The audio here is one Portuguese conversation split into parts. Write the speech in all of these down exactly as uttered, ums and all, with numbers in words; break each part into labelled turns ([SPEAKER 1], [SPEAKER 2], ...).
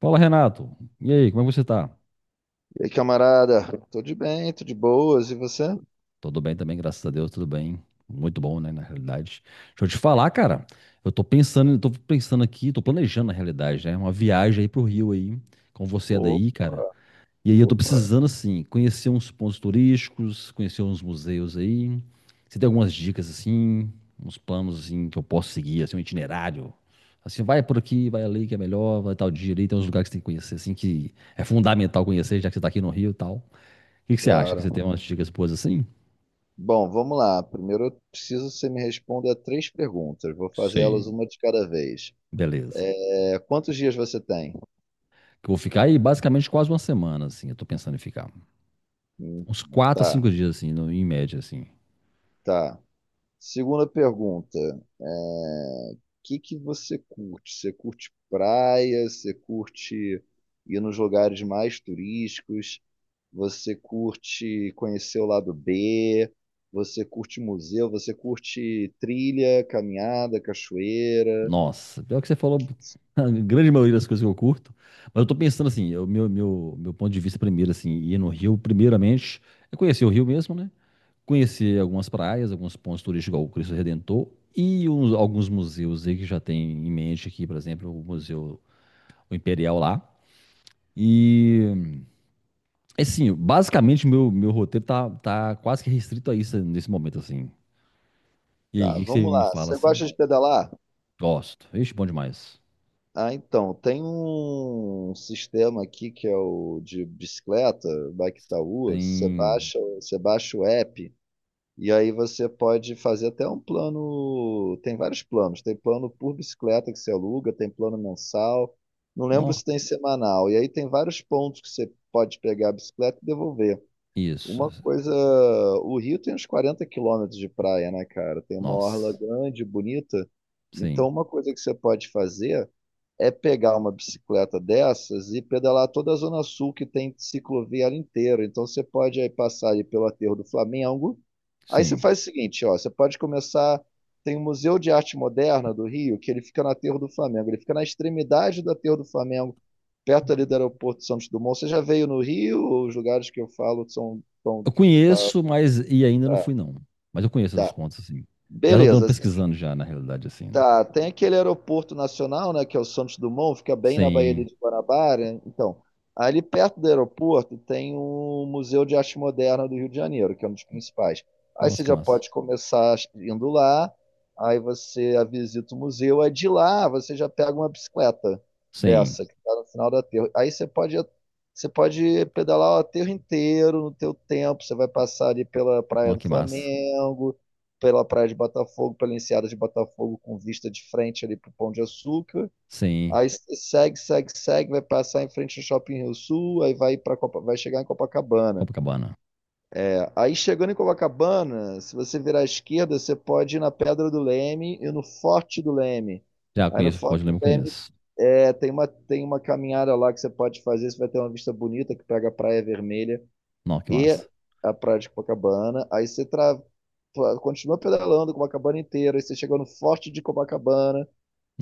[SPEAKER 1] Fala, Renato. E aí, como é que você tá?
[SPEAKER 2] E aí, camarada? Tô de bem, tô de boas, e você?
[SPEAKER 1] Tudo bem também, graças a Deus, tudo bem. Muito bom, né, na realidade. Deixa eu te falar, cara. Eu tô pensando, tô pensando aqui, tô planejando na realidade, né, uma viagem aí pro Rio aí, com você é
[SPEAKER 2] O-
[SPEAKER 1] daí, cara. E aí eu tô
[SPEAKER 2] Opa,
[SPEAKER 1] precisando assim, conhecer uns pontos turísticos, conhecer uns museus aí. Você tem algumas dicas assim, uns planos assim que eu posso seguir, assim, um itinerário. Assim, vai por aqui, vai ali que é melhor, vai tal dia ali, tem uns lugares que você tem que conhecer assim que é fundamental conhecer, já que você tá aqui no Rio e tal. O que que você acha? Que você
[SPEAKER 2] claro.
[SPEAKER 1] tem umas dicas boas assim?
[SPEAKER 2] Bom, vamos lá. Primeiro eu preciso que você me responda três perguntas. Vou fazer elas
[SPEAKER 1] Sim.
[SPEAKER 2] uma de cada vez.
[SPEAKER 1] Beleza.
[SPEAKER 2] É, quantos dias você tem?
[SPEAKER 1] Que eu vou ficar aí basicamente quase uma semana, assim. Eu tô pensando em ficar.
[SPEAKER 2] Hum,
[SPEAKER 1] Uns quatro a
[SPEAKER 2] tá,
[SPEAKER 1] cinco dias, assim, no- em média, assim.
[SPEAKER 2] tá. Segunda pergunta. O que que você curte? Você curte praia? Você curte ir nos lugares mais turísticos? Você curte conhecer o lado B, você curte museu, você curte trilha, caminhada, cachoeira.
[SPEAKER 1] Nossa, pior que você falou a grande maioria das coisas que eu curto. Mas eu tô pensando assim, o meu, meu, meu ponto de vista primeiro, assim, ir no Rio, primeiramente, é conhecer o Rio mesmo, né? Conhecer algumas praias, alguns pontos turísticos, igual o Cristo Redentor, e uns- alguns museus aí que já tem em mente aqui, por exemplo, o Museu o Imperial lá. E É Assim, basicamente, meu, meu roteiro tá, tá quase que restrito a isso nesse momento, assim. E aí, o
[SPEAKER 2] Tá,
[SPEAKER 1] que que você
[SPEAKER 2] vamos
[SPEAKER 1] me
[SPEAKER 2] lá.
[SPEAKER 1] fala,
[SPEAKER 2] Você gosta
[SPEAKER 1] assim?
[SPEAKER 2] de pedalar?
[SPEAKER 1] Gosto. Ixi, bom demais.
[SPEAKER 2] Ah, então, tem um sistema aqui que é o de bicicleta, Bike Itaú. Você
[SPEAKER 1] Tem...
[SPEAKER 2] baixa, você baixa o app. E aí você pode fazer até um plano. Tem vários planos. Tem plano por bicicleta que você aluga, tem plano mensal. Não lembro
[SPEAKER 1] Nó.
[SPEAKER 2] se tem semanal. E aí tem vários pontos que você pode pegar a bicicleta e devolver.
[SPEAKER 1] Isso.
[SPEAKER 2] Uma coisa, o Rio tem uns quarenta quilômetros de praia, né, cara? Tem uma orla
[SPEAKER 1] Nossa.
[SPEAKER 2] grande, bonita.
[SPEAKER 1] Sim.
[SPEAKER 2] Então, uma coisa que você pode fazer é pegar uma bicicleta dessas e pedalar toda a Zona Sul que tem ciclovia ali inteira. Então você pode aí passar ali pelo aterro do Flamengo. Aí você
[SPEAKER 1] Sim.
[SPEAKER 2] faz o seguinte, ó, você pode começar. Tem o Museu de Arte Moderna do Rio, que ele fica no aterro do Flamengo. Ele fica na extremidade do aterro do Flamengo, perto ali do aeroporto de Santos Dumont. Você já veio no Rio? Os lugares que eu falo são tão,
[SPEAKER 1] Eu
[SPEAKER 2] tá,
[SPEAKER 1] conheço, mas... E ainda não fui, não. Mas eu conheço os
[SPEAKER 2] tá.
[SPEAKER 1] pontos, assim. Já tô
[SPEAKER 2] Beleza.
[SPEAKER 1] dando pesquisando já, na realidade, assim, né?
[SPEAKER 2] Tá, tem aquele aeroporto nacional, né, que é o Santos Dumont, fica bem na Baía
[SPEAKER 1] Sim.
[SPEAKER 2] de Guanabara. Então, ali perto do aeroporto tem o Museu de Arte Moderna do Rio de Janeiro, que é um dos principais. Aí
[SPEAKER 1] Nossa,
[SPEAKER 2] você
[SPEAKER 1] que
[SPEAKER 2] já
[SPEAKER 1] massa.
[SPEAKER 2] pode começar indo lá, aí você visita o museu, aí de lá você já pega uma bicicleta
[SPEAKER 1] Sim.
[SPEAKER 2] dessa, que está no final da aterro. Aí você pode, você pode pedalar o aterro inteiro no teu tempo, você vai passar ali pela Praia
[SPEAKER 1] Nó,
[SPEAKER 2] do
[SPEAKER 1] que massa.
[SPEAKER 2] Flamengo, pela praia de Botafogo, pela enseada de Botafogo, com vista de frente ali pro Pão de Açúcar.
[SPEAKER 1] Sim.
[SPEAKER 2] Aí você segue, segue, segue, vai passar em frente ao Shopping Rio Sul, aí vai para vai chegar em Copacabana.
[SPEAKER 1] Copacabana.
[SPEAKER 2] É, aí chegando em Copacabana, se você virar à esquerda, você pode ir na Pedra do Leme e no Forte do Leme.
[SPEAKER 1] Já
[SPEAKER 2] Aí no
[SPEAKER 1] conheço,
[SPEAKER 2] Forte
[SPEAKER 1] pode
[SPEAKER 2] do
[SPEAKER 1] lembrar,
[SPEAKER 2] Leme
[SPEAKER 1] conheço.
[SPEAKER 2] é, tem uma tem uma caminhada lá que você pode fazer, você vai ter uma vista bonita que pega a Praia Vermelha
[SPEAKER 1] Nó, que
[SPEAKER 2] e
[SPEAKER 1] massa.
[SPEAKER 2] a Praia de Copacabana. Aí você tra- continua pedalando Copacabana inteira, aí você chega no Forte de Copacabana,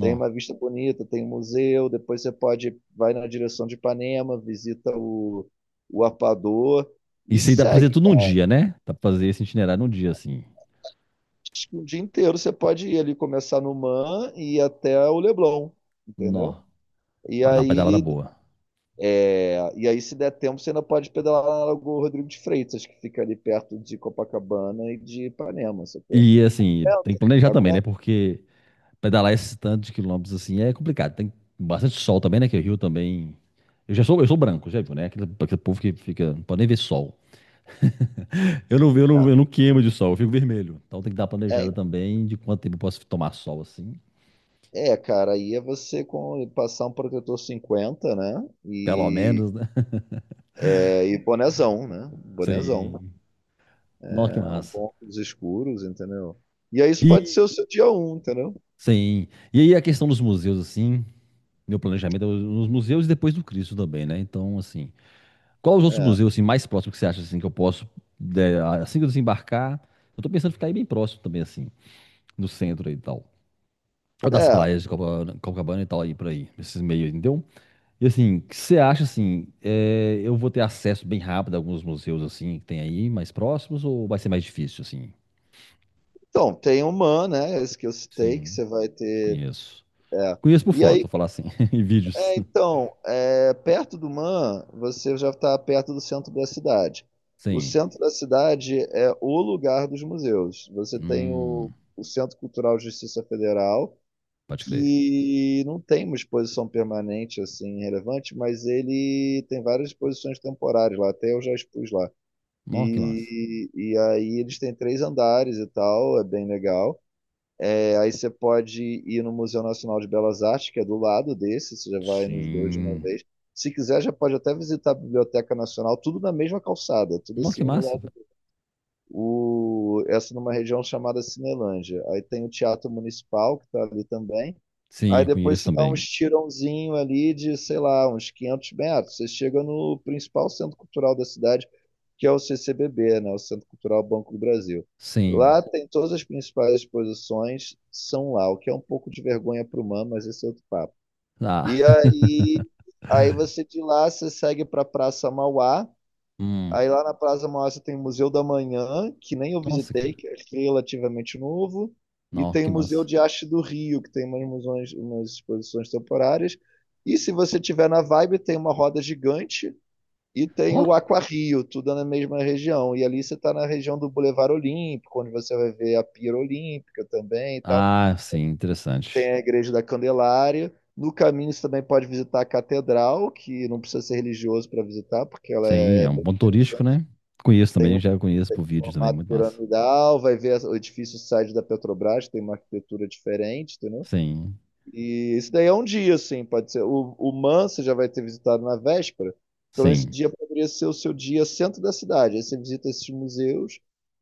[SPEAKER 2] tem uma vista bonita, tem um museu, depois você pode vai na direção de Ipanema, visita o, o Arpador e
[SPEAKER 1] Isso aí dá pra fazer
[SPEAKER 2] segue.
[SPEAKER 1] tudo num dia, né? Dá pra fazer esse itinerário num dia, assim.
[SPEAKER 2] Acho que o dia inteiro você pode ir ali começar no Man e ir até o Leblon, entendeu?
[SPEAKER 1] Nó.
[SPEAKER 2] E
[SPEAKER 1] Vai dar uma pedalada
[SPEAKER 2] aí,
[SPEAKER 1] boa.
[SPEAKER 2] é, e aí, se der tempo, você ainda pode pedalar lá na Lagoa Rodrigo de Freitas, que fica ali perto de Copacabana e de Ipanema, sacou?
[SPEAKER 1] E, assim, tem que
[SPEAKER 2] Aguenta,
[SPEAKER 1] planejar também, né?
[SPEAKER 2] aguenta.
[SPEAKER 1] Porque pedalar esse tanto de quilômetros, assim, é complicado. Tem bastante sol também, né? Que o Rio também... Eu já sou, eu sou branco, já viu, né? Aquele, aquele povo que fica... Não pode nem ver sol. Eu não, eu não, eu não queimo de sol, eu fico vermelho. Então tem que dar uma
[SPEAKER 2] É,
[SPEAKER 1] planejada também de quanto tempo eu posso tomar sol, assim.
[SPEAKER 2] É, cara, aí é você com, passar um protetor cinquenta, né?
[SPEAKER 1] Pelo
[SPEAKER 2] E,
[SPEAKER 1] menos, né?
[SPEAKER 2] é, e bonezão, né? Bonezão.
[SPEAKER 1] Sim. Nossa, que
[SPEAKER 2] É, um
[SPEAKER 1] massa.
[SPEAKER 2] bom óculos escuros, entendeu? E aí isso pode ser
[SPEAKER 1] E...
[SPEAKER 2] o seu dia um, entendeu?
[SPEAKER 1] Sim. E aí a questão dos museus, assim... Meu planejamento é nos museus e depois do Cristo também, né? Então, assim, qual os outros
[SPEAKER 2] É.
[SPEAKER 1] museus assim, mais próximos que você acha assim, que eu posso, é, assim que eu desembarcar? Eu tô pensando em ficar aí bem próximo também, assim, no centro aí e tal. Ou das
[SPEAKER 2] É,
[SPEAKER 1] praias de Copacabana, Copacabana e tal, aí por aí, esses meios, entendeu? E assim, o que você acha assim? é, eu vou ter acesso bem rápido a alguns museus assim que tem aí, mais próximos, ou vai ser mais difícil, assim?
[SPEAKER 2] então, tem o Man, né? Esse que eu citei, que
[SPEAKER 1] Sim,
[SPEAKER 2] você vai ter.
[SPEAKER 1] conheço.
[SPEAKER 2] É.
[SPEAKER 1] Conheço por
[SPEAKER 2] E
[SPEAKER 1] foto,
[SPEAKER 2] aí,
[SPEAKER 1] vou falar assim, em vídeos.
[SPEAKER 2] é, então, é, perto do Man, você já está perto do centro da cidade. O
[SPEAKER 1] Sim.
[SPEAKER 2] centro da cidade é o lugar dos museus. Você tem o,
[SPEAKER 1] Hum,
[SPEAKER 2] o Centro Cultural de Justiça Federal,
[SPEAKER 1] pode crer.
[SPEAKER 2] que não tem uma exposição permanente assim relevante, mas ele tem várias exposições temporárias lá, até eu já expus lá.
[SPEAKER 1] Nossa, que massa.
[SPEAKER 2] E, e aí eles têm três andares e tal, é bem legal. É, aí você pode ir no Museu Nacional de Belas Artes, que é do lado desse, você já vai nos dois de uma
[SPEAKER 1] Sim.
[SPEAKER 2] vez. Se quiser, já pode até visitar a Biblioteca Nacional, tudo na mesma calçada, tudo
[SPEAKER 1] Nossa, que
[SPEAKER 2] assim, um do
[SPEAKER 1] massa,
[SPEAKER 2] lado.
[SPEAKER 1] velho.
[SPEAKER 2] Do O, essa numa região chamada Cinelândia. Aí tem o Teatro Municipal, que está ali também.
[SPEAKER 1] Sim,
[SPEAKER 2] Aí
[SPEAKER 1] eu
[SPEAKER 2] depois
[SPEAKER 1] conheço
[SPEAKER 2] você dá uns
[SPEAKER 1] também.
[SPEAKER 2] tirãozinho ali de, sei lá, uns quinhentos metros. Você chega no principal centro cultural da cidade, que é o C C B B, né? O Centro Cultural Banco do Brasil.
[SPEAKER 1] Sim.
[SPEAKER 2] Lá tem todas as principais exposições, são lá, o que é um pouco de vergonha para o humano, mas esse é outro papo. E
[SPEAKER 1] Ah,
[SPEAKER 2] aí, aí você de lá, você segue para a Praça Mauá.
[SPEAKER 1] hum.
[SPEAKER 2] Aí lá na Praça Mauá tem o Museu da Manhã, que nem eu
[SPEAKER 1] Nossa,
[SPEAKER 2] visitei,
[SPEAKER 1] cara.
[SPEAKER 2] que é relativamente novo, e
[SPEAKER 1] Nossa,
[SPEAKER 2] tem o
[SPEAKER 1] que
[SPEAKER 2] Museu
[SPEAKER 1] massa.
[SPEAKER 2] de Arte do Rio, que tem umas, musões- umas exposições temporárias. E se você tiver na vibe, tem uma roda gigante e tem
[SPEAKER 1] Ó.
[SPEAKER 2] o Aquarrio, tudo na mesma região. E ali você está na região do Boulevard Olímpico, onde você vai ver a Pira Olímpica também e tal.
[SPEAKER 1] Ah, sim, interessante.
[SPEAKER 2] Tem a Igreja da Candelária. No caminho você também pode visitar a Catedral, que não precisa ser religioso para visitar, porque ela
[SPEAKER 1] Sim, é
[SPEAKER 2] é
[SPEAKER 1] um
[SPEAKER 2] bem
[SPEAKER 1] ponto turístico,
[SPEAKER 2] interessante,
[SPEAKER 1] né? Conheço também, já conheço por vídeo também,
[SPEAKER 2] formato
[SPEAKER 1] muito massa.
[SPEAKER 2] piramidal, vai ver o edifício site da Petrobras, tem uma arquitetura diferente, entendeu?
[SPEAKER 1] Sim,
[SPEAKER 2] E isso daí é um dia, assim, pode ser. O, o Man você já vai ter visitado na véspera, então esse
[SPEAKER 1] sim,
[SPEAKER 2] dia poderia ser o seu dia centro da cidade. Aí você visita esses museus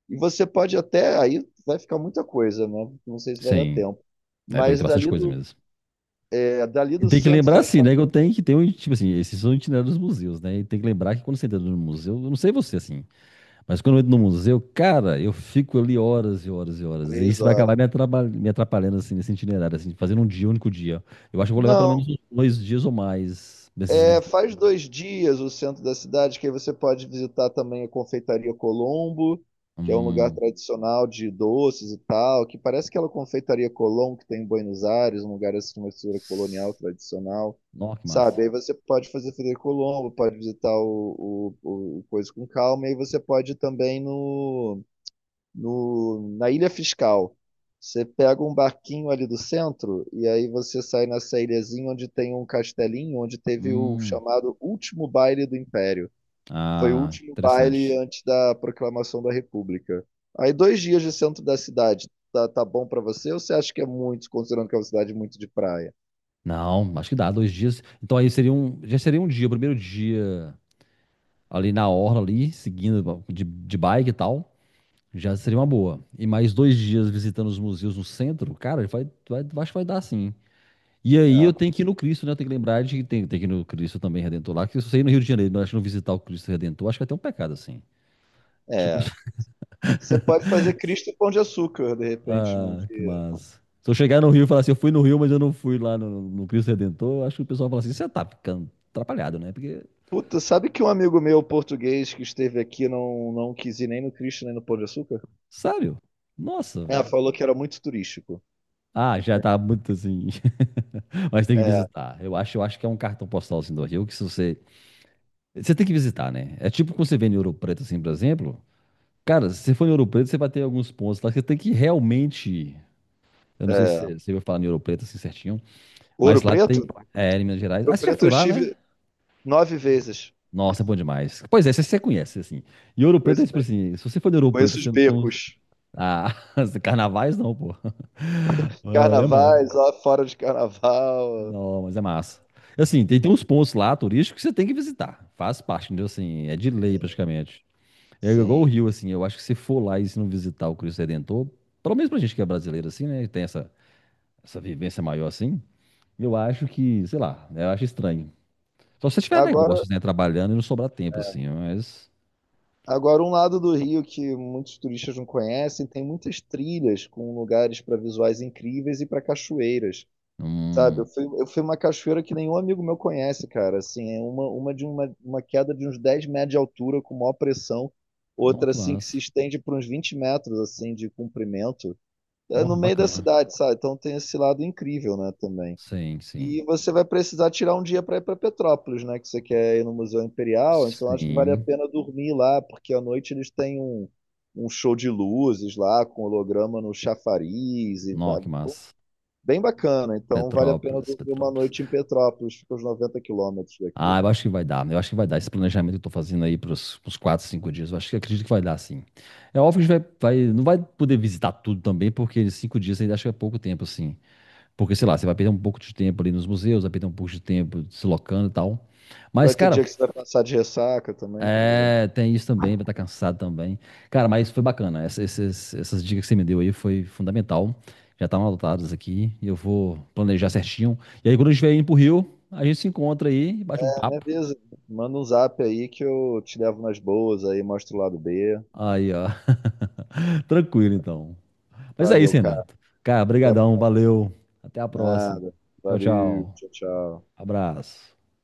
[SPEAKER 2] e você pode até, aí vai ficar muita coisa, né? Não sei se vai dar
[SPEAKER 1] sim.
[SPEAKER 2] tempo.
[SPEAKER 1] É, porque
[SPEAKER 2] Mas
[SPEAKER 1] tem bastante
[SPEAKER 2] dali
[SPEAKER 1] coisa
[SPEAKER 2] do,
[SPEAKER 1] mesmo.
[SPEAKER 2] é, dali
[SPEAKER 1] E
[SPEAKER 2] do
[SPEAKER 1] tem que
[SPEAKER 2] centro
[SPEAKER 1] lembrar,
[SPEAKER 2] também
[SPEAKER 1] assim,
[SPEAKER 2] para
[SPEAKER 1] né, que eu tenho que ter um, tipo assim, esses são itinerários dos museus, né? E tem que lembrar que quando você entra no museu, eu não sei você, assim, mas quando eu entro no museu, cara, eu fico ali horas e horas e horas. E
[SPEAKER 2] três
[SPEAKER 1] isso vai
[SPEAKER 2] horas.
[SPEAKER 1] acabar me atraba- me atrapalhando, assim, nesse itinerário, assim, fazendo um dia, um único dia. Eu acho que eu vou levar pelo menos
[SPEAKER 2] Não,
[SPEAKER 1] uns dois dias ou mais desses
[SPEAKER 2] é,
[SPEAKER 1] visitas.
[SPEAKER 2] faz dois dias o centro da cidade, que aí você pode visitar também a Confeitaria Colombo, que é um lugar
[SPEAKER 1] Hum.
[SPEAKER 2] tradicional de doces e tal, que parece aquela Confeitaria Colombo que tem em Buenos Aires, um lugar assim, uma estrutura colonial tradicional,
[SPEAKER 1] Nossa, que massa.
[SPEAKER 2] sabe? Aí você pode fazer Frederico Colombo, pode visitar o, o, o Coisa com Calma, e aí você pode ir também no no, na Ilha Fiscal. Você pega um barquinho ali do centro e aí você sai nessa ilhazinha onde tem um castelinho, onde teve o
[SPEAKER 1] Hum.
[SPEAKER 2] chamado último baile do Império. Foi o
[SPEAKER 1] Ah,
[SPEAKER 2] último baile
[SPEAKER 1] interessante.
[SPEAKER 2] antes da proclamação da República. Aí dois dias de centro da cidade, tá, tá bom pra você? Ou você acha que é muito, considerando que é uma cidade muito de praia?
[SPEAKER 1] Não, acho que dá, dois dias. Então aí seria um, já seria um dia, o primeiro dia ali na orla ali, seguindo de, de bike e tal, já seria uma boa. E mais dois dias visitando os museus no centro, cara, vai, vai, acho que vai dar sim. E aí eu tenho que ir no Cristo, né? Eu tenho que lembrar de que tem, tem que ir no Cristo também Redentor lá. Que se você ir no Rio de Janeiro, não, acho que não visitar o Cristo Redentor, acho que é até um pecado, assim.
[SPEAKER 2] É.
[SPEAKER 1] Acho que o
[SPEAKER 2] É.
[SPEAKER 1] pessoal-
[SPEAKER 2] Você pode fazer Cristo e Pão de Açúcar, de repente, num
[SPEAKER 1] Ah, que
[SPEAKER 2] dia.
[SPEAKER 1] massa. Se eu chegar no Rio e falar assim, eu fui no Rio, mas eu não fui lá no, no Cristo Redentor, eu acho que o pessoal fala assim, você tá ficando atrapalhado, né? Porque,
[SPEAKER 2] Puta, sabe que um amigo meu português que esteve aqui não, não quis ir nem no Cristo nem no Pão de Açúcar?
[SPEAKER 1] sério? Nossa,
[SPEAKER 2] É,
[SPEAKER 1] velho.
[SPEAKER 2] falou que era muito turístico.
[SPEAKER 1] Ah, já tá muito assim. Mas tem que
[SPEAKER 2] É,
[SPEAKER 1] visitar. Eu acho, eu acho que é um cartão postal assim do Rio que se você. Você tem que visitar, né? É tipo quando você vem em Ouro Preto, assim, por exemplo. Cara, se você for em Ouro Preto, você vai ter alguns pontos lá que você tem que realmente. Eu não sei se
[SPEAKER 2] é.
[SPEAKER 1] você você vai falar em Ouro Preto assim certinho,
[SPEAKER 2] Ouro
[SPEAKER 1] mas lá
[SPEAKER 2] Preto?
[SPEAKER 1] tem. É, em Minas Gerais. Ah,
[SPEAKER 2] Ouro
[SPEAKER 1] você já
[SPEAKER 2] Preto
[SPEAKER 1] foi
[SPEAKER 2] eu
[SPEAKER 1] lá, né?
[SPEAKER 2] estive nove vezes.
[SPEAKER 1] Nossa, é bom demais. Pois é, você, você conhece, assim. E Ouro Preto é
[SPEAKER 2] Conheço
[SPEAKER 1] tipo
[SPEAKER 2] bem.
[SPEAKER 1] assim: se você for em Ouro Preto,
[SPEAKER 2] Conheço os
[SPEAKER 1] você não tem um.
[SPEAKER 2] becos.
[SPEAKER 1] Ah, carnavais não, pô. Ah, É massa.
[SPEAKER 2] Carnavais, lá fora de carnaval.
[SPEAKER 1] Não, mas é massa. Assim, tem, tem uns pontos lá turísticos que você tem que visitar. Faz parte, entendeu? Assim, é de lei praticamente. É igual o
[SPEAKER 2] Sim.
[SPEAKER 1] Rio, assim. Eu acho que se for lá e se não visitar o Cristo Redentor, pelo menos pra gente que é brasileiro, assim, né? Tem essa essa vivência maior assim, eu acho que, sei lá, né, eu acho estranho. Só se você tiver
[SPEAKER 2] Agora,
[SPEAKER 1] negócios, né, trabalhando e não sobrar tempo, assim, mas.
[SPEAKER 2] agora, um lado do Rio que muitos turistas não conhecem, tem muitas trilhas com lugares para visuais incríveis e para cachoeiras. Sabe, eu
[SPEAKER 1] Hum,
[SPEAKER 2] fui, eu fui uma cachoeira que nenhum amigo meu conhece, cara. Assim, é uma, uma de uma, uma queda de uns dez metros de altura com maior pressão,
[SPEAKER 1] nó,
[SPEAKER 2] outra
[SPEAKER 1] que
[SPEAKER 2] assim que se
[SPEAKER 1] massa.
[SPEAKER 2] estende por uns vinte metros assim de comprimento. É
[SPEAKER 1] Nó,
[SPEAKER 2] no meio da
[SPEAKER 1] bacana.
[SPEAKER 2] cidade, sabe? Então tem esse lado incrível, né, também.
[SPEAKER 1] Sim, sim.
[SPEAKER 2] E você vai precisar tirar um dia para ir para Petrópolis, né, que você quer ir no Museu Imperial, então acho que vale a
[SPEAKER 1] Sim.
[SPEAKER 2] pena dormir lá, porque à noite eles têm um um show de luzes lá com holograma no chafariz e
[SPEAKER 1] Nó,
[SPEAKER 2] va-
[SPEAKER 1] que massa.
[SPEAKER 2] Bem bacana, então vale a pena
[SPEAKER 1] Petrópolis,
[SPEAKER 2] dormir uma
[SPEAKER 1] Petrópolis.
[SPEAKER 2] noite em Petrópolis, fica uns noventa quilômetros daqui.
[SPEAKER 1] Ah, eu acho que vai dar, né. Eu acho que vai dar. Esse planejamento que eu tô fazendo aí pros, pros quatro, cinco dias, eu acho que acredito que vai dar, sim. É óbvio que a gente vai, vai, não vai poder visitar tudo também, porque cinco dias ainda acho que é pouco tempo, assim. Porque, sei lá, você vai perder um pouco de tempo ali nos museus, vai perder um pouco de tempo deslocando e tal. Mas,
[SPEAKER 2] Vai ter dia
[SPEAKER 1] cara,
[SPEAKER 2] que você vai passar de ressaca também, provavelmente.
[SPEAKER 1] é, tem isso também, vai estar cansado também. Cara, mas foi bacana. Essa- esses- essas dicas que você me deu aí foi fundamental. Já estavam adotadas aqui. E eu vou planejar certinho. E aí, quando eu estiver indo pro Rio, a gente se encontra aí e bate um
[SPEAKER 2] É, me
[SPEAKER 1] papo.
[SPEAKER 2] avisa, manda um zap aí que eu te levo nas boas aí, mostro o lado B.
[SPEAKER 1] Aí, ó. Tranquilo, então. Mas é isso,
[SPEAKER 2] Valeu, cara.
[SPEAKER 1] Renato. Cara,
[SPEAKER 2] Até a...
[SPEAKER 1] brigadão, valeu. Até a próxima.
[SPEAKER 2] nada.
[SPEAKER 1] Tchau,
[SPEAKER 2] Valeu,
[SPEAKER 1] tchau.
[SPEAKER 2] tchau, tchau.
[SPEAKER 1] Abraço.